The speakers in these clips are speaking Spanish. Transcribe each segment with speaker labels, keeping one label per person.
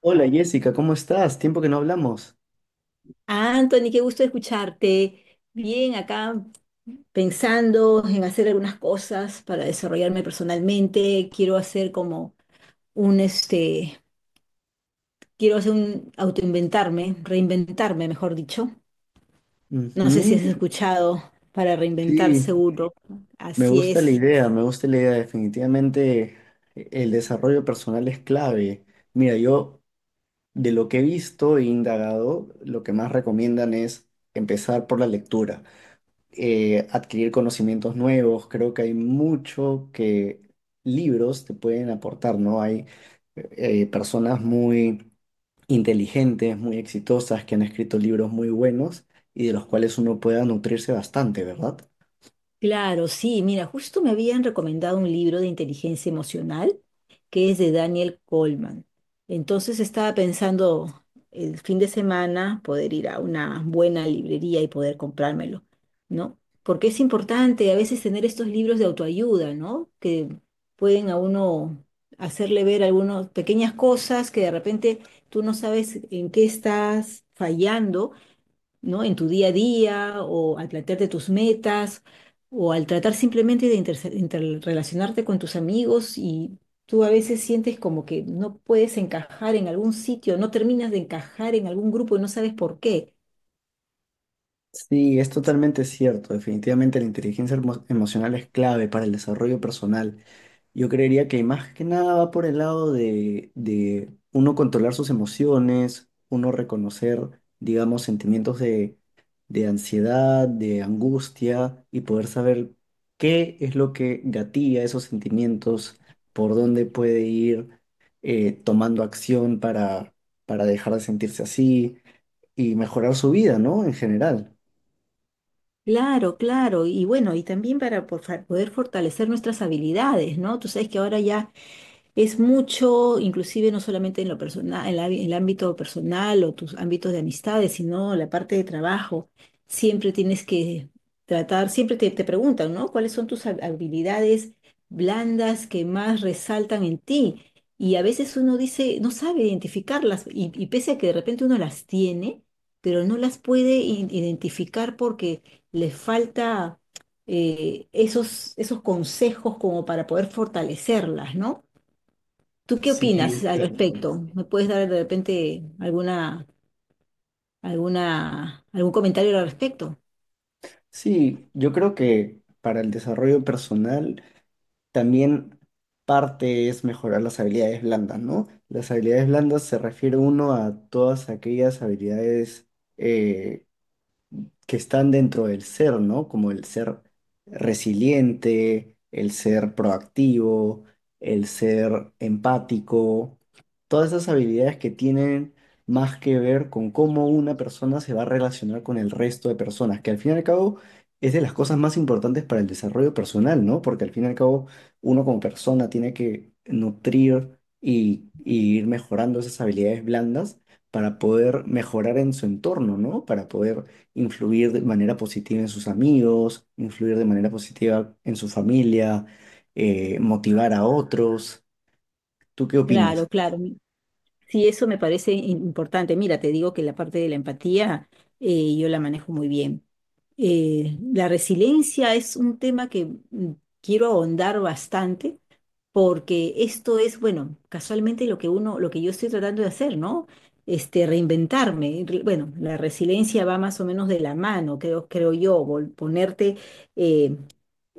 Speaker 1: Hola Jessica, ¿cómo estás? Tiempo que no hablamos.
Speaker 2: Ah, Anthony, qué gusto escucharte. Bien, acá pensando en hacer algunas cosas para desarrollarme personalmente. Quiero hacer como un, este, quiero hacer un autoinventarme, reinventarme, mejor dicho. No sé si has
Speaker 1: Ujú,
Speaker 2: escuchado para reinventar
Speaker 1: sí,
Speaker 2: seguro.
Speaker 1: me
Speaker 2: Así
Speaker 1: gusta la
Speaker 2: es.
Speaker 1: idea, me gusta la idea. Definitivamente el desarrollo personal es clave. Mira, yo de lo que he visto e indagado, lo que más recomiendan es empezar por la lectura, adquirir conocimientos nuevos. Creo que hay mucho que libros te pueden aportar, ¿no? Hay personas muy inteligentes, muy exitosas, que han escrito libros muy buenos y de los cuales uno pueda nutrirse bastante, ¿verdad?
Speaker 2: Claro, sí, mira, justo me habían recomendado un libro de inteligencia emocional que es de Daniel Goleman. Entonces estaba pensando el fin de semana poder ir a una buena librería y poder comprármelo, ¿no? Porque es importante a veces tener estos libros de autoayuda, ¿no? Que pueden a uno hacerle ver algunas pequeñas cosas que de repente tú no sabes en qué estás fallando, ¿no? En tu día a día o al plantearte tus metas o al tratar simplemente de interrelacionarte con tus amigos y tú a veces sientes como que no puedes encajar en algún sitio, no terminas de encajar en algún grupo y no sabes por qué.
Speaker 1: Sí, es totalmente cierto. Definitivamente la inteligencia emocional es clave para el desarrollo personal. Yo creería que más que nada va por el lado de uno controlar sus emociones, uno reconocer, digamos, sentimientos de ansiedad, de angustia y poder saber qué es lo que gatilla esos sentimientos, por dónde puede ir tomando acción para dejar de sentirse así y mejorar su vida, ¿no? En general.
Speaker 2: Claro, claro, y bueno, y también para poder fortalecer nuestras habilidades, ¿no? Tú sabes que ahora ya es mucho, inclusive no solamente en lo personal, en en el ámbito personal o tus ámbitos de amistades, sino la parte de trabajo. Siempre tienes que tratar, siempre te preguntan, ¿no? ¿Cuáles son tus habilidades blandas que más resaltan en ti? Y a veces uno dice, no sabe identificarlas, y pese a que de repente uno las tiene, pero no las puede identificar porque le falta esos, esos consejos como para poder fortalecerlas, ¿no? ¿Tú qué
Speaker 1: Sí,
Speaker 2: opinas
Speaker 1: es
Speaker 2: al
Speaker 1: cierto.
Speaker 2: respecto? ¿Me puedes dar de repente alguna, alguna, algún comentario al respecto?
Speaker 1: Sí, yo creo que para el desarrollo personal también parte es mejorar las habilidades blandas, ¿no? Las habilidades blandas se refiere uno a todas aquellas habilidades eh, que están dentro del ser, ¿no? Como el ser resiliente, el ser proactivo, el ser empático, todas esas habilidades que tienen más que ver con cómo una persona se va a relacionar con el resto de personas, que al fin y al cabo es de las cosas más importantes para el desarrollo personal, ¿no? Porque al fin y al cabo uno como persona tiene que nutrir y ir mejorando esas habilidades blandas para poder mejorar en su entorno, ¿no? Para poder influir de manera positiva en sus amigos, influir de manera positiva en su familia, motivar a otros. ¿Tú qué
Speaker 2: Claro,
Speaker 1: opinas?
Speaker 2: claro. Sí, eso me parece importante. Mira, te digo que la parte de la empatía yo la manejo muy bien. La resiliencia es un tema que mm, quiero ahondar bastante, porque esto es, bueno, casualmente lo que uno, lo que yo estoy tratando de hacer, ¿no? Este, reinventarme. Bueno, la resiliencia va más o menos de la mano, creo, creo yo, ponerte, eh,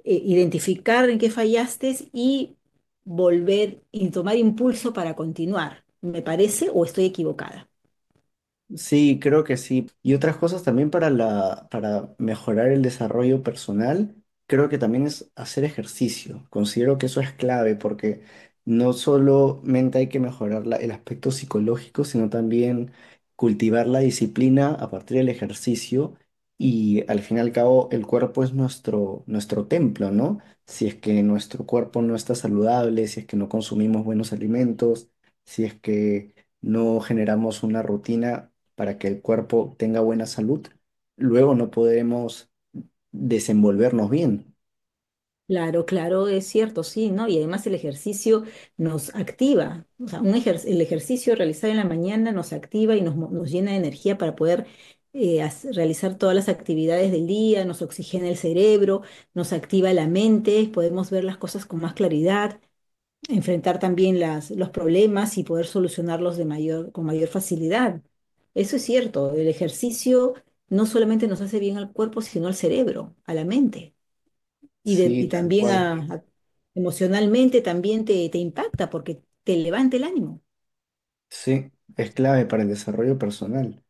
Speaker 2: identificar en qué fallaste y volver y tomar impulso para continuar. ¿Me parece o estoy equivocada?
Speaker 1: Sí, creo que sí. Y otras cosas también para la, para mejorar el desarrollo personal, creo que también es hacer ejercicio. Considero que eso es clave porque no solamente hay que mejorar el aspecto psicológico, sino también cultivar la disciplina a partir del ejercicio. Y al fin y al cabo, el cuerpo es nuestro, nuestro templo, ¿no? Si es que nuestro cuerpo no está saludable, si es que no consumimos buenos alimentos, si es que no generamos una rutina para que el cuerpo tenga buena salud, luego no podremos desenvolvernos bien.
Speaker 2: Claro, claro, es cierto, sí, ¿no? Y además el ejercicio nos activa, o sea, un el ejercicio realizado en la mañana nos activa y nos llena de energía para poder realizar todas las actividades del día, nos oxigena el cerebro, nos activa la mente, podemos ver las cosas con más claridad, enfrentar también los problemas y poder solucionarlos de mayor, con mayor facilidad. Eso es cierto, el ejercicio no solamente nos hace bien al cuerpo, sino al cerebro, a la mente. Y
Speaker 1: Sí, tal
Speaker 2: también
Speaker 1: cual.
Speaker 2: emocionalmente también te impacta porque te levanta el ánimo.
Speaker 1: Sí, es clave para el desarrollo personal.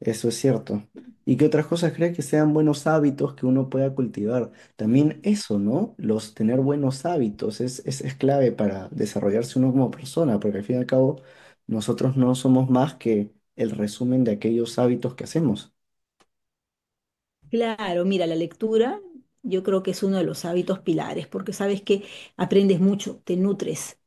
Speaker 1: Eso es cierto. ¿Y qué otras cosas crees que sean buenos hábitos que uno pueda cultivar? También eso, ¿no? Los tener buenos hábitos es clave para desarrollarse uno como persona, porque al fin y al cabo nosotros no somos más que el resumen de aquellos hábitos que hacemos.
Speaker 2: Claro, mira, la lectura yo creo que es uno de los hábitos pilares, porque sabes que aprendes mucho, te nutres,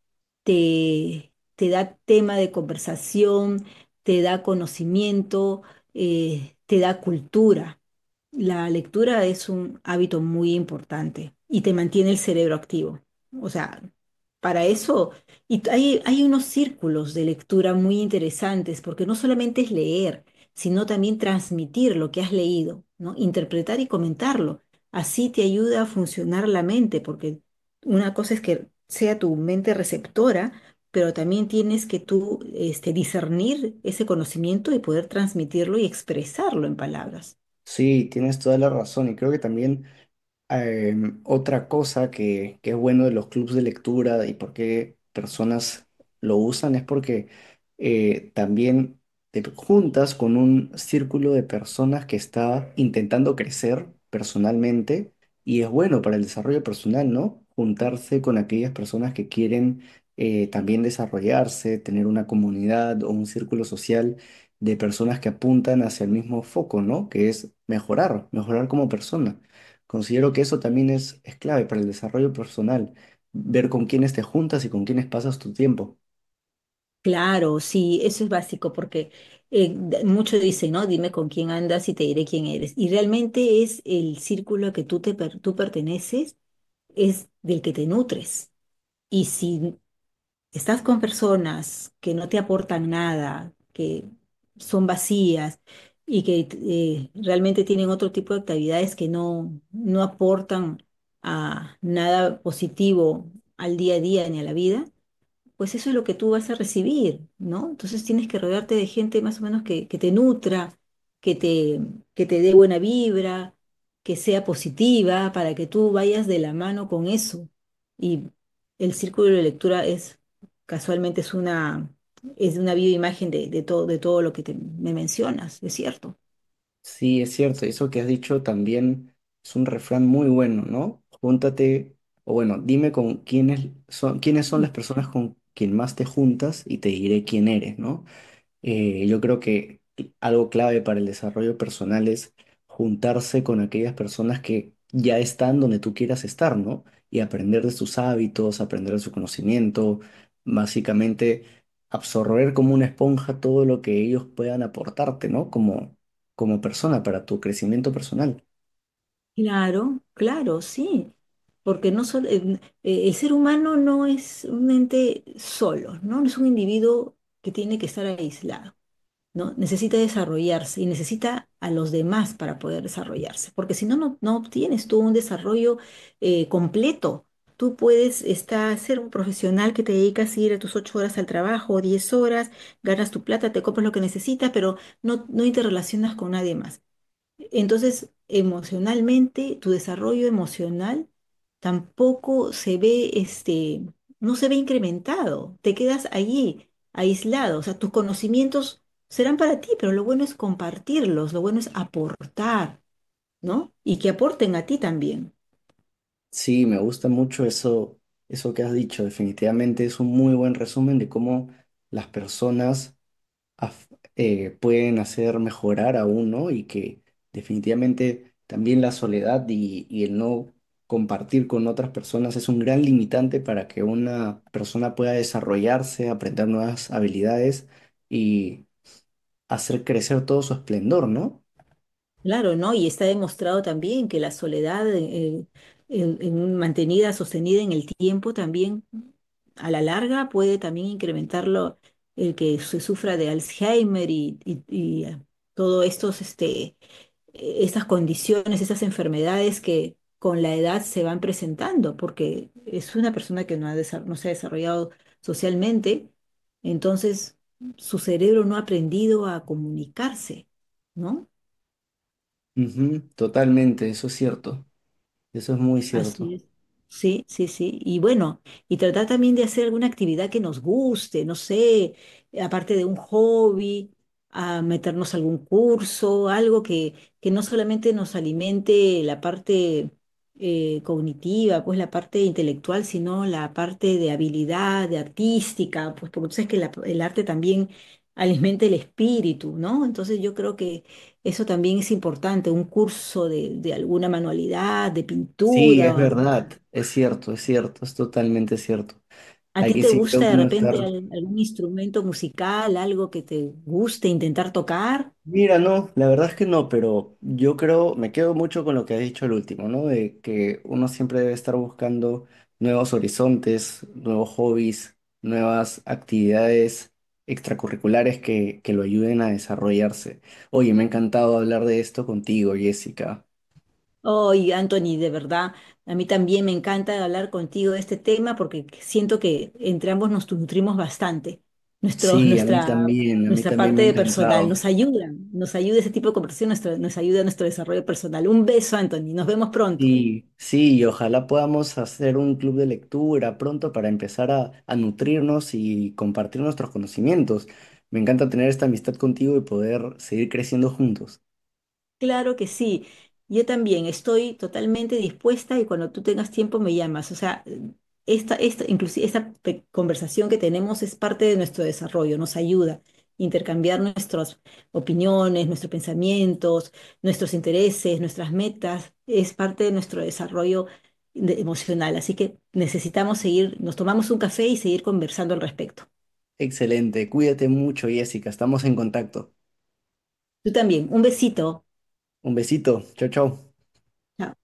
Speaker 2: te da tema de conversación, te da conocimiento, te da cultura. La lectura es un hábito muy importante y te mantiene el cerebro activo. O sea, para eso, y hay, hay unos círculos de lectura muy interesantes, porque no solamente es leer, sino también transmitir lo que has leído, ¿no? Interpretar y comentarlo. Así te ayuda a funcionar la mente, porque una cosa es que sea tu mente receptora, pero también tienes que tú, este, discernir ese conocimiento y poder transmitirlo y expresarlo en palabras.
Speaker 1: Sí, tienes toda la razón y creo que también otra cosa que es bueno de los clubes de lectura y por qué personas lo usan es porque también te juntas con un círculo de personas que está intentando crecer personalmente y es bueno para el desarrollo personal, ¿no? Juntarse con aquellas personas que quieren también desarrollarse, tener una comunidad o un círculo social de personas que apuntan hacia el mismo foco, ¿no? Que es mejorar, mejorar como persona. Considero que eso también es clave para el desarrollo personal, ver con quiénes te juntas y con quiénes pasas tu tiempo.
Speaker 2: Claro, sí, eso es básico, porque muchos dicen, ¿no? Dime con quién andas y te diré quién eres. Y realmente es el círculo que tú, tú perteneces, es del que te nutres. Y si estás con personas que no te aportan nada, que son vacías y que realmente tienen otro tipo de actividades que no aportan a nada positivo al día a día ni a la vida, pues eso es lo que tú vas a recibir, ¿no? Entonces tienes que rodearte de gente más o menos que te nutra, que te, que te dé buena vibra, que sea positiva, para que tú vayas de la mano con eso. Y el círculo de lectura es, casualmente, es una bioimagen de todo lo que me mencionas, es cierto.
Speaker 1: Sí, es cierto, eso que has dicho también es un refrán muy bueno, ¿no? Júntate, o bueno, dime con quiénes son las personas con quien más te juntas y te diré quién eres, ¿no? Yo creo que algo clave para el desarrollo personal es juntarse con aquellas personas que ya están donde tú quieras estar, ¿no? Y aprender de sus hábitos, aprender de su conocimiento, básicamente absorber como una esponja todo lo que ellos puedan aportarte, ¿no? Como, como persona para tu crecimiento personal.
Speaker 2: Claro, claro, sí, porque no sol- en- el ser humano no es un ente solo, ¿no? No es un individuo que tiene que estar aislado, ¿no? Necesita desarrollarse y necesita a los demás para poder desarrollarse, porque si no, no obtienes tú un desarrollo completo. Tú puedes estar, ser un profesional que te dedicas a ir a tus 8 horas al trabajo, 10 horas, ganas tu plata, te compras lo que necesitas, pero no interrelacionas con nadie más. Entonces, emocionalmente, tu desarrollo emocional tampoco se ve, este, no se ve incrementado. Te quedas allí, aislado. O sea, tus conocimientos serán para ti, pero lo bueno es compartirlos, lo bueno es aportar, ¿no? Y que aporten a ti también.
Speaker 1: Sí, me gusta mucho eso, eso que has dicho. Definitivamente es un muy buen resumen de cómo las personas af- pueden hacer mejorar a uno y que definitivamente también la soledad y el no compartir con otras personas es un gran limitante para que una persona pueda desarrollarse, aprender nuevas habilidades y hacer crecer todo su esplendor, ¿no?
Speaker 2: Claro, ¿no? Y está demostrado también que la soledad, mantenida, sostenida en el tiempo, también a la larga puede también incrementarlo el que se sufra de Alzheimer todo estos, este, estas condiciones, esas enfermedades que con la edad se van presentando, porque es una persona que no ha desa- no se ha desarrollado socialmente, entonces su cerebro no ha aprendido a comunicarse, ¿no?
Speaker 1: Ujú, totalmente, eso es cierto, eso es muy cierto.
Speaker 2: Así es. Sí, sí, sí. Y bueno, y tratar también de hacer alguna actividad que nos guste, no sé, aparte de un hobby, a meternos a algún curso, algo que no solamente nos alimente la parte cognitiva, pues la parte intelectual, sino la parte de habilidad, de artística, pues porque tú sabes que el arte también alimenta el espíritu, ¿no? Entonces yo creo que eso también es importante, un curso de alguna manualidad, de
Speaker 1: Sí, es
Speaker 2: pintura.
Speaker 1: verdad, es cierto, es cierto, es totalmente cierto.
Speaker 2: ¿A
Speaker 1: Hay
Speaker 2: ti
Speaker 1: que
Speaker 2: te
Speaker 1: siempre
Speaker 2: gusta de
Speaker 1: uno estar.
Speaker 2: repente algún instrumento musical, algo que te guste intentar tocar?
Speaker 1: Mira, no, la verdad es que no, pero yo creo, me quedo mucho con lo que has dicho el último, ¿no? De que uno siempre debe estar buscando nuevos horizontes, nuevos hobbies, nuevas actividades extracurriculares que lo ayuden a desarrollarse. Oye, me ha encantado hablar de esto contigo, Jessica.
Speaker 2: Ay, Anthony, de verdad, a mí también me encanta hablar contigo de este tema porque siento que entre ambos nos nutrimos bastante. Nuestro,
Speaker 1: Sí,
Speaker 2: nuestra,
Speaker 1: a mí
Speaker 2: nuestra
Speaker 1: también me
Speaker 2: parte
Speaker 1: ha
Speaker 2: de personal
Speaker 1: encantado.
Speaker 2: nos ayuda ese tipo de conversación, nos ayuda a nuestro desarrollo personal. Un beso, Anthony, nos vemos pronto.
Speaker 1: Sí, sí, y ojalá podamos hacer un club de lectura pronto para empezar a nutrirnos y compartir nuestros conocimientos. Me encanta tener esta amistad contigo y poder seguir creciendo juntos.
Speaker 2: Claro que sí. Yo también estoy totalmente dispuesta y cuando tú tengas tiempo me llamas. O sea, inclusive esta conversación que tenemos es parte de nuestro desarrollo, nos ayuda a intercambiar nuestras opiniones, nuestros pensamientos, nuestros intereses, nuestras metas. Es parte de nuestro desarrollo emocional. Así que necesitamos seguir, nos tomamos un café y seguir conversando al respecto.
Speaker 1: Excelente, cuídate mucho, Jessica, estamos en contacto.
Speaker 2: Tú también. Un besito.
Speaker 1: Un besito, chao, chao.
Speaker 2: Chao.